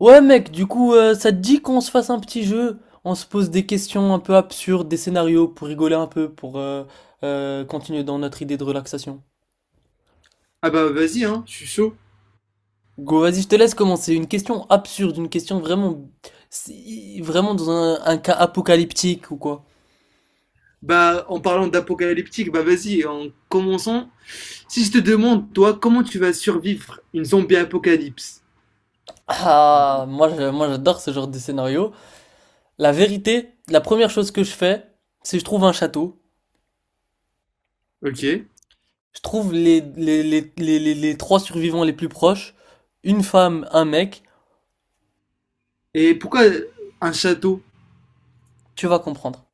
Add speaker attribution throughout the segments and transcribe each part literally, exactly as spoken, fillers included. Speaker 1: Ouais mec, du coup, euh, ça te dit qu'on se fasse un petit jeu? On se pose des questions un peu absurdes, des scénarios pour rigoler un peu, pour euh, euh, continuer dans notre idée de relaxation.
Speaker 2: Ah bah vas-y, hein, je suis chaud.
Speaker 1: Go, vas-y, je te laisse commencer. Une question absurde, une question vraiment, si- vraiment dans un, un cas apocalyptique ou quoi.
Speaker 2: Bah en parlant d'apocalyptique, bah vas-y, en commençant, si je te demande, toi, comment tu vas survivre une zombie apocalypse?
Speaker 1: Ah, moi, je- moi j'adore ce genre de scénario. La vérité, la première chose que je fais, c'est je trouve un château.
Speaker 2: Ok.
Speaker 1: Je trouve les, les, les, les, les les trois survivants les plus proches, une femme, un mec.
Speaker 2: Et pourquoi un château?
Speaker 1: Tu vas comprendre.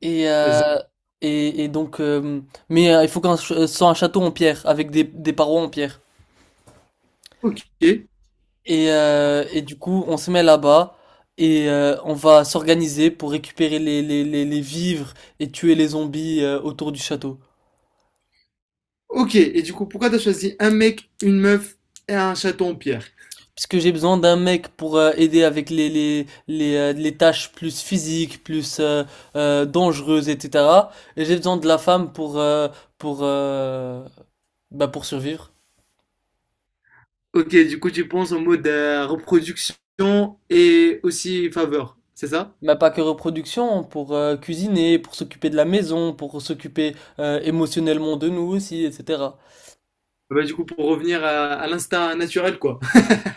Speaker 1: Et,
Speaker 2: Vas-y.
Speaker 1: euh, et, et donc, euh, mais euh, il faut qu'on ch- euh, soit un château en pierre, avec des, des parois en pierre.
Speaker 2: Ok.
Speaker 1: Et, euh, et du coup, on se met là-bas et euh, on va s'organiser pour récupérer les, les, les, les vivres et tuer les zombies euh, autour du château.
Speaker 2: Ok. Et du coup, pourquoi t'as choisi un mec, une meuf et un château en pierre?
Speaker 1: Parce que j'ai besoin d'un mec pour euh, aider avec les, les, les, euh, les tâches plus physiques, plus euh, euh, dangereuses, et cetera. Et j'ai besoin de la femme pour, euh, pour, euh, bah, pour survivre.
Speaker 2: Ok, du coup, tu penses en mode euh, reproduction et aussi faveur, c'est ça?
Speaker 1: Bah, pas que reproduction, pour euh, cuisiner, pour s'occuper de la maison, pour s'occuper euh, émotionnellement de nous aussi, et cetera.
Speaker 2: Bah du coup, pour revenir à, à l'instinct naturel, quoi.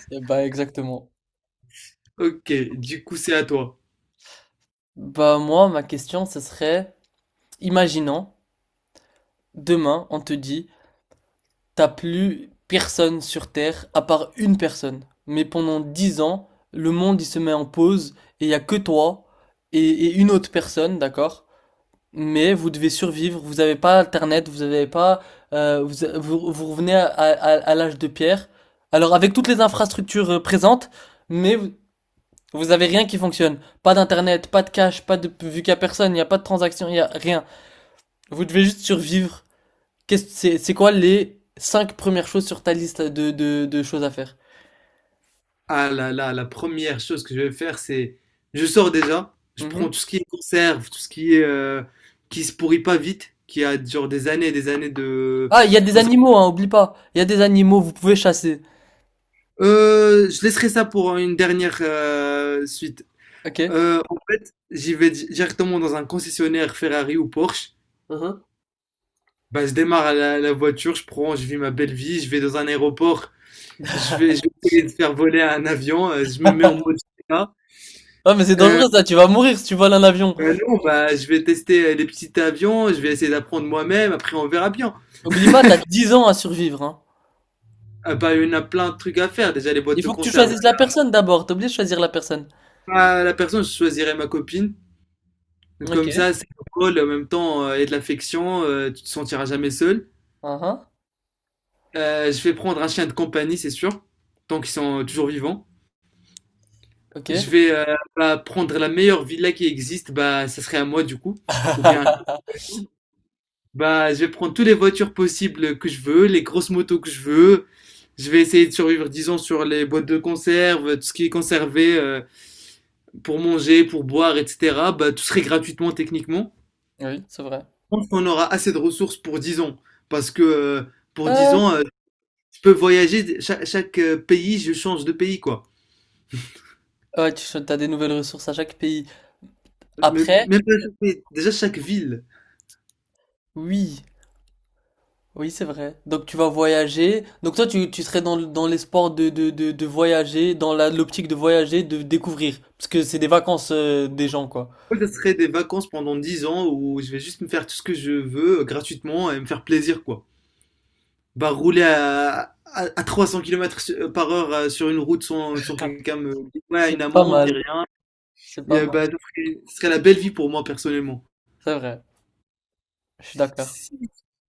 Speaker 1: Eh bah exactement.
Speaker 2: Ok, du coup, c'est à toi.
Speaker 1: Bah moi, ma question, ce serait, imaginons, demain, on te dit, t'as plus personne sur Terre à part une personne. Mais pendant dix ans, le monde, il se met en pause et il y a que toi et, et une autre personne, d'accord? Mais vous devez survivre, vous n'avez pas Internet, vous n'avez pas, euh, vous, vous, vous revenez à, à, à l'âge de pierre. Alors avec toutes les infrastructures euh, présentes, mais vous, vous avez rien qui fonctionne. Pas d'internet, pas de cash, pas de vu qu'il y a personne, il n'y a pas de transaction, il y a rien. Vous devez juste survivre. Qu'est-ce c'est c'est quoi les cinq premières choses sur ta liste de de, de choses à faire?
Speaker 2: Ah là là, la première chose que je vais faire, c'est je sors déjà, je prends
Speaker 1: Mhm.
Speaker 2: tout ce qui est conserve, tout ce qui est euh, qui se pourrit pas vite, qui a genre des années et des années de,
Speaker 1: Ah, il y a
Speaker 2: de
Speaker 1: des
Speaker 2: conserve.
Speaker 1: animaux, hein, oublie pas. Il y a des animaux, vous pouvez chasser.
Speaker 2: Euh, je laisserai ça pour une dernière euh, suite.
Speaker 1: Ok.
Speaker 2: Euh, en fait, j'y vais di- directement dans un concessionnaire Ferrari ou Porsche.
Speaker 1: Mhm.
Speaker 2: Bah, je démarre la, la voiture, je prends, je vis ma belle vie, je vais dans un aéroport, je vais, je vais essayer de faire voler un avion, euh, je me mets en mode G T A.
Speaker 1: Ah mais c'est dangereux ça, tu vas mourir si tu voles un avion.
Speaker 2: Euh, non, bah, je vais tester euh, les petits avions, je vais essayer d'apprendre moi-même, après on verra bien.
Speaker 1: N'oublie pas, t'as dix ans à survivre, hein.
Speaker 2: Ah, bah, il y en a plein de trucs à faire, déjà les boîtes
Speaker 1: Il
Speaker 2: de
Speaker 1: faut que tu
Speaker 2: conserve.
Speaker 1: choisisses la personne d'abord. T'es obligé de choisir la personne.
Speaker 2: Ah, la personne, je choisirais ma copine. Donc,
Speaker 1: Ok.
Speaker 2: Comme ça, c'est cool en même temps, euh, il y a de l'affection, euh, tu te sentiras jamais seul.
Speaker 1: Uhum.
Speaker 2: Euh, je vais prendre un chien de compagnie, c'est sûr, tant qu'ils sont euh, toujours vivants.
Speaker 1: Ok.
Speaker 2: Je vais euh, bah, prendre la meilleure villa qui existe, bah, ça serait à moi du coup. Ou bien, bah, je vais prendre toutes les voitures possibles que je veux, les grosses motos que je veux, Je vais essayer de survivre, disons, sur les boîtes de conserve, tout ce qui est conservé euh, pour manger, pour boire, et cetera. Bah, tout serait gratuitement techniquement.
Speaker 1: Oui, c'est vrai.
Speaker 2: Je pense qu'on aura assez de ressources pour dix ans. Parce que euh, pour dix
Speaker 1: Euh,
Speaker 2: ans, euh, je peux voyager, chaque, chaque, euh, pays, je change de pays, quoi.
Speaker 1: ouais, tu cho- t'as des nouvelles ressources à chaque pays.
Speaker 2: Je me-
Speaker 1: Après,
Speaker 2: Même pas chaque pays, déjà chaque ville.
Speaker 1: oui. Oui, c'est vrai. Donc tu vas voyager. Donc toi, tu, tu serais dans, le- dans l'espoir de, de, de, de voyager, dans la, l'optique de voyager, de découvrir. Parce que c'est des vacances euh, des gens, quoi.
Speaker 2: Moi, Ce serait des vacances pendant dix ans où je vais juste me faire tout ce que je veux euh, gratuitement et me faire plaisir, quoi. Bah, rouler à, à, à trois cents kilomètres par heure euh, sur une route sans, sans que quelqu'un me dise ouais, une
Speaker 1: C'est pas
Speaker 2: amende ni
Speaker 1: mal.
Speaker 2: rien,
Speaker 1: C'est pas
Speaker 2: et, euh,
Speaker 1: mal.
Speaker 2: bah, ce serait- ce serait la belle vie pour moi personnellement.
Speaker 1: C'est vrai. Je suis d'accord.
Speaker 2: Si,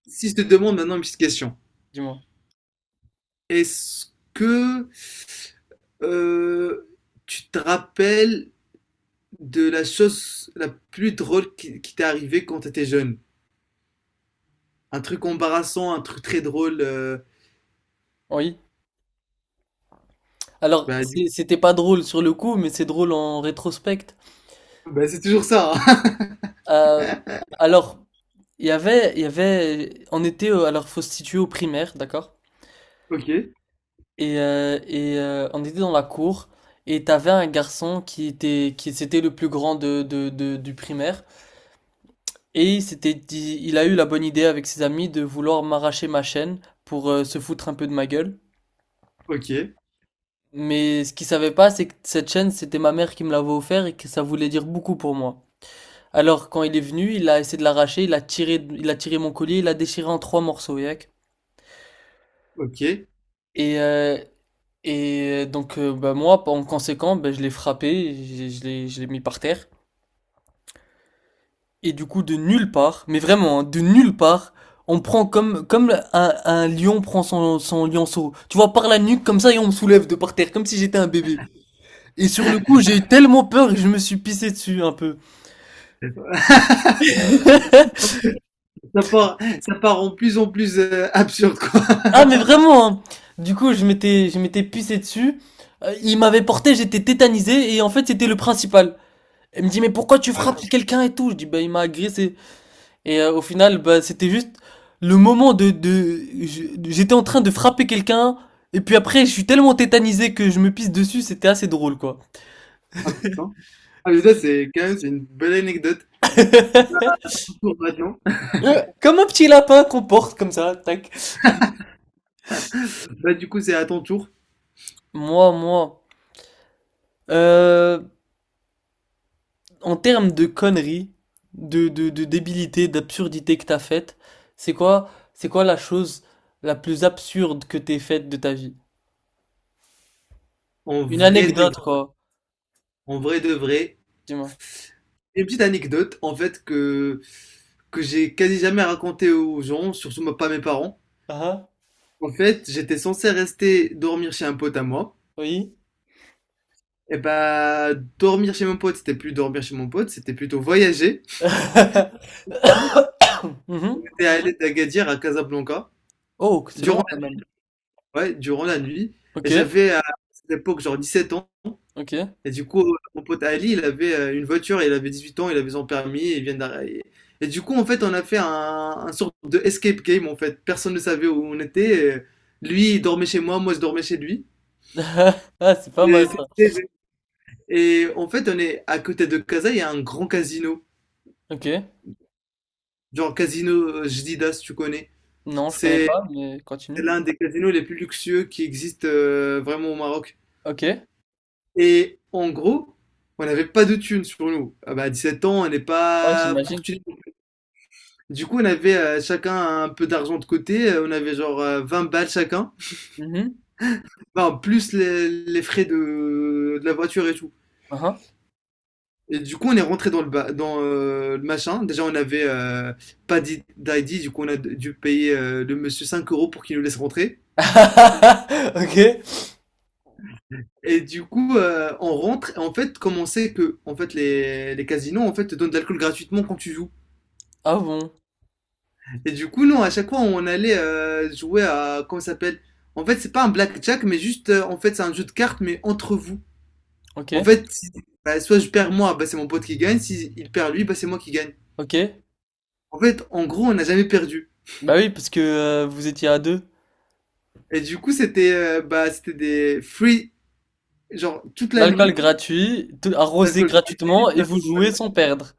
Speaker 2: si je te demande maintenant une petite question,
Speaker 1: Dis-moi.
Speaker 2: est-ce que euh, tu te rappelles de la chose la plus drôle qui, qui t'est arrivée quand t'étais jeune? Un truc embarrassant, un truc très drôle. Euh,
Speaker 1: Oui. Alors,
Speaker 2: bah, du coup,
Speaker 1: c'est- c'était pas drôle sur le coup, mais c'est drôle en rétrospect.
Speaker 2: bah, c'est toujours ça. hein.
Speaker 1: Euh, alors, il y avait, il y avait, on était, euh, alors faut se situer au primaire, d'accord?
Speaker 2: Ok,
Speaker 1: Et, euh, et euh, on était dans la cour et t'avais un garçon qui était, qui c'était le plus grand de, de, de- du primaire et il s'était dit, il a eu la bonne idée avec ses amis de vouloir m'arracher ma chaîne pour euh, se foutre un peu de ma gueule.
Speaker 2: ok,
Speaker 1: Mais ce qu'il savait pas, c'est que cette chaîne, c'était ma mère qui me l'avait offert et que ça voulait dire beaucoup pour moi. Alors quand il est venu, il a essayé de l'arracher, il a tiré, il a tiré mon collier, il l'a déchiré en trois morceaux, yak.
Speaker 2: ok.
Speaker 1: Et, euh, et euh, donc, euh, bah, moi, en conséquent, bah, je l'ai frappé, je, je l'ai, je l'ai mis par terre. Et du coup, de nulle part, mais vraiment, hein, de nulle part, on prend comme, comme un, un lion prend son, son lionceau. Tu vois, par la nuque, comme ça, et on me soulève de par terre, comme si j'étais un bébé. Et sur le coup, j'ai eu tellement peur que je me suis pissé dessus un peu.
Speaker 2: ça part, ça part en plus en plus euh, absurde, quoi.
Speaker 1: Ah, mais vraiment, hein. Du coup, je m'étais, je m'étais pissé dessus. Euh, il m'avait porté, j'étais tétanisé, et en fait, c'était le principal. Il me dit, mais pourquoi tu
Speaker 2: Voilà.
Speaker 1: frappes quelqu'un et tout? Je dis, bah, il m'a agressé. Et euh, au final, bah, c'était juste le moment de, de, je- j'étais en train de frapper quelqu'un, et puis après, je suis tellement tétanisé que je me pisse dessus, c'était assez drôle, quoi.
Speaker 2: Ah putain. Ah mais ça c'est quand même c'est une belle anecdote. Un peu un tour maintenant.
Speaker 1: Comme un petit lapin qu'on porte comme ça, tac.
Speaker 2: Bah, du coup, c'est à ton tour.
Speaker 1: Moi, moi, euh, En termes de conneries, de, de, de débilité, d'absurdité que t'as faite, c'est quoi, c'est quoi la chose la plus absurde que t'aies faite de ta vie?
Speaker 2: En
Speaker 1: Une
Speaker 2: vrai de vrai.
Speaker 1: anecdote, quoi.
Speaker 2: En vrai de vrai.
Speaker 1: Dis-moi.
Speaker 2: Une petite anecdote, en fait, que, que j'ai quasi jamais racontée aux gens, surtout moi- pas mes parents.
Speaker 1: Ah, ah,
Speaker 2: En fait, j'étais censé rester dormir chez un pote à moi.
Speaker 1: oui.
Speaker 2: Et bah, dormir chez mon pote, c'était plus dormir chez mon pote, c'était plutôt voyager. J'étais
Speaker 1: Mhm.
Speaker 2: allé d'Agadir à Casablanca.
Speaker 1: Oh, que c'est
Speaker 2: Durant
Speaker 1: long quand même.
Speaker 2: Ouais, durant la nuit. Et
Speaker 1: Ok,
Speaker 2: j'avais, euh, à cette époque, genre 17 ans.
Speaker 1: ok.
Speaker 2: Et du coup, euh, mon pote Ali, il avait euh, une voiture, il avait 18 ans, il avait son permis, et il vient d'arriver. Et du coup, en fait, on a fait un, un sorte de escape game, en fait. Personne ne savait où on était. euh, Lui, il dormait chez moi, moi, je dormais chez lui.
Speaker 1: Ah, c'est pas mal
Speaker 2: Et,
Speaker 1: ça.
Speaker 2: c'était- et en fait, on est à côté de Casa, il y a un grand casino.
Speaker 1: Ok.
Speaker 2: Genre Casino euh, Jdida, si tu connais.
Speaker 1: Non, je connais
Speaker 2: C'est
Speaker 1: pas, mais
Speaker 2: c'est
Speaker 1: continue.
Speaker 2: l'un des casinos les plus luxueux qui existent euh, vraiment au Maroc.
Speaker 1: Ok.
Speaker 2: Et en gros, on n'avait pas de thunes sur nous. Ah bah, à 17 ans, on n'est
Speaker 1: Ouais,
Speaker 2: pas
Speaker 1: j'imagine.
Speaker 2: fortuné. Du coup, on avait euh, chacun un peu d'argent de côté. Euh, On avait genre euh, 20 balles chacun.
Speaker 1: Mhm.
Speaker 2: Enfin, plus les, les frais de, de la voiture et tout.
Speaker 1: Aha.
Speaker 2: Et du coup, on est rentré dans le, ba- dans, euh, le machin. Déjà, on avait euh, pas d'i- d'I D. Du coup, on a dû payer euh, le monsieur cinq euros pour qu'il nous laisse rentrer.
Speaker 1: Ok.
Speaker 2: Et du coup, euh, on rentre. Et en fait, comme on sait que en fait, les, les casinos en fait, te donnent de l'alcool gratuitement quand tu joues.
Speaker 1: Ah bon.
Speaker 2: Et du coup, non, à chaque fois, on allait euh, jouer à. Comment ça s'appelle? En fait, c'est pas un blackjack, mais juste. euh, en fait, c'est un jeu de cartes, mais entre vous.
Speaker 1: Ok.
Speaker 2: En fait, si- bah, soit je perds moi, bah, c'est mon pote qui gagne. Si il perd lui, bah, c'est moi qui gagne.
Speaker 1: Ok.
Speaker 2: En fait, en gros, on n'a jamais perdu.
Speaker 1: Bah oui, parce que euh, vous étiez à deux.
Speaker 2: Et du coup, c'était euh, bah, c'était des free, genre toute la
Speaker 1: L'alcool
Speaker 2: nuit,
Speaker 1: gratuit, tout- arrosé
Speaker 2: d'alcool
Speaker 1: gratuitement
Speaker 2: gratuit.
Speaker 1: et vous jouez sans perdre.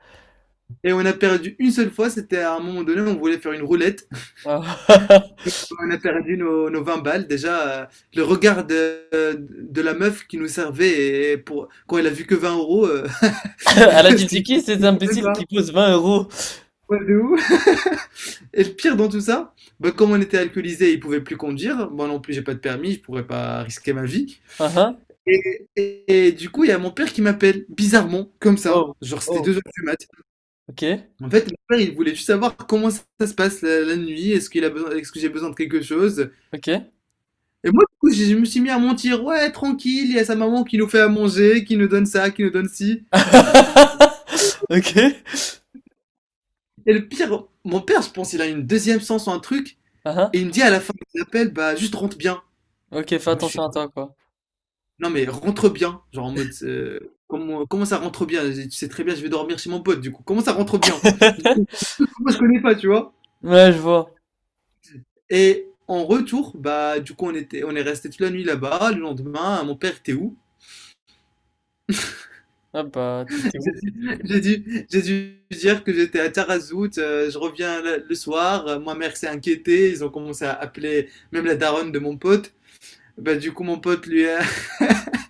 Speaker 2: Et on a perdu une seule fois, c'était à un moment donné, on voulait faire une roulette.
Speaker 1: Ah.
Speaker 2: On a perdu nos, nos 20 balles. Déjà, euh, le regard de, de la meuf qui nous servait et pour, quand elle a vu que vingt euros, euh,
Speaker 1: À la
Speaker 2: je
Speaker 1: team, c'est
Speaker 2: dis,
Speaker 1: qui cet
Speaker 2: même
Speaker 1: imbécile
Speaker 2: pas.
Speaker 1: qui pose vingt euros?
Speaker 2: Ouais, de où? Et le pire dans tout ça, bah, comme on était alcoolisé, il pouvait plus conduire. Moi non plus, j'ai pas de permis, je pourrais pas risquer ma vie.
Speaker 1: Aha.
Speaker 2: Et, et- et du coup, il y a mon père qui m'appelle, bizarrement, comme ça.
Speaker 1: Oh,
Speaker 2: Genre, c'était
Speaker 1: oh.
Speaker 2: deux heures du mat.
Speaker 1: Ok,
Speaker 2: En fait, mon père, il voulait juste savoir comment ça se passe la, la nuit. Est-ce qu'il a besoin, est-ce que j'ai besoin de quelque chose?
Speaker 1: ok.
Speaker 2: Et moi, du coup, je je me suis mis à mentir. Ouais, tranquille, il y a sa maman qui nous fait à manger, qui nous donne ça, qui nous donne ci.
Speaker 1: Ok.
Speaker 2: Et le pire, mon père, je pense, il a une deuxième sens ou un truc.
Speaker 1: Aha.
Speaker 2: Et il me dit à la fin de l'appel, bah, juste rentre bien.
Speaker 1: Ok, fais
Speaker 2: Moi, je suis
Speaker 1: attention à
Speaker 2: là,
Speaker 1: toi, quoi.
Speaker 2: non, mais rentre bien. Genre en mode, euh, comment, comment ça rentre bien? Tu sais très bien, je vais dormir chez mon pote, du coup. Comment ça rentre bien? Du coup, Moi, je connais pas, tu vois.
Speaker 1: Ouais, je vois.
Speaker 2: Et en retour, bah, du coup, on était, on est resté toute la nuit là-bas. Le lendemain, mon père était où?
Speaker 1: Ah bah, t'étais où?
Speaker 2: J'ai dû, j'ai dû dire que j'étais à Tarazout, euh, je reviens le, le soir, euh, ma mère s'est inquiétée, ils ont commencé à appeler même la daronne de mon pote. Bah, du coup, mon pote, lui, a-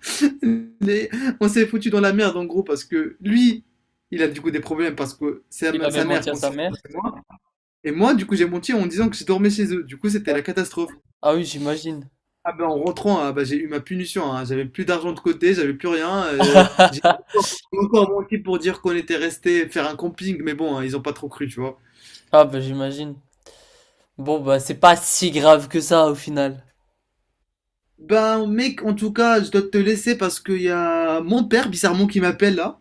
Speaker 2: les- on s'est foutu dans la merde en gros parce que lui, il a du coup des problèmes parce que sa,
Speaker 1: Il
Speaker 2: m-
Speaker 1: avait
Speaker 2: sa mère
Speaker 1: menti à
Speaker 2: pensait
Speaker 1: sa
Speaker 2: que
Speaker 1: mère?
Speaker 2: c'était moi. Et moi, du coup, j'ai menti en disant que je dormais chez eux. Du coup, c'était
Speaker 1: Ah,
Speaker 2: la catastrophe.
Speaker 1: Ah oui, j'imagine.
Speaker 2: Ah ben, en rentrant, ah, bah, j'ai eu ma punition. hein. J'avais plus d'argent de côté, j'avais plus rien. euh, j'ai encore j'ai encore menti pour dire qu'on était resté faire un camping, mais bon, hein, ils ont pas trop cru, tu vois.
Speaker 1: Ah bah, j'imagine. Bon bah, c'est pas si grave que ça, au final.
Speaker 2: Ben mec, en tout cas, je dois te laisser parce qu'il y a mon père bizarrement qui m'appelle là.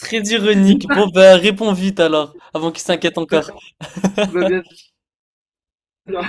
Speaker 1: Très ironique. Bon bah, réponds vite alors, avant qu'il s'inquiète
Speaker 2: Bah,
Speaker 1: encore.
Speaker 2: bah, bien sûr.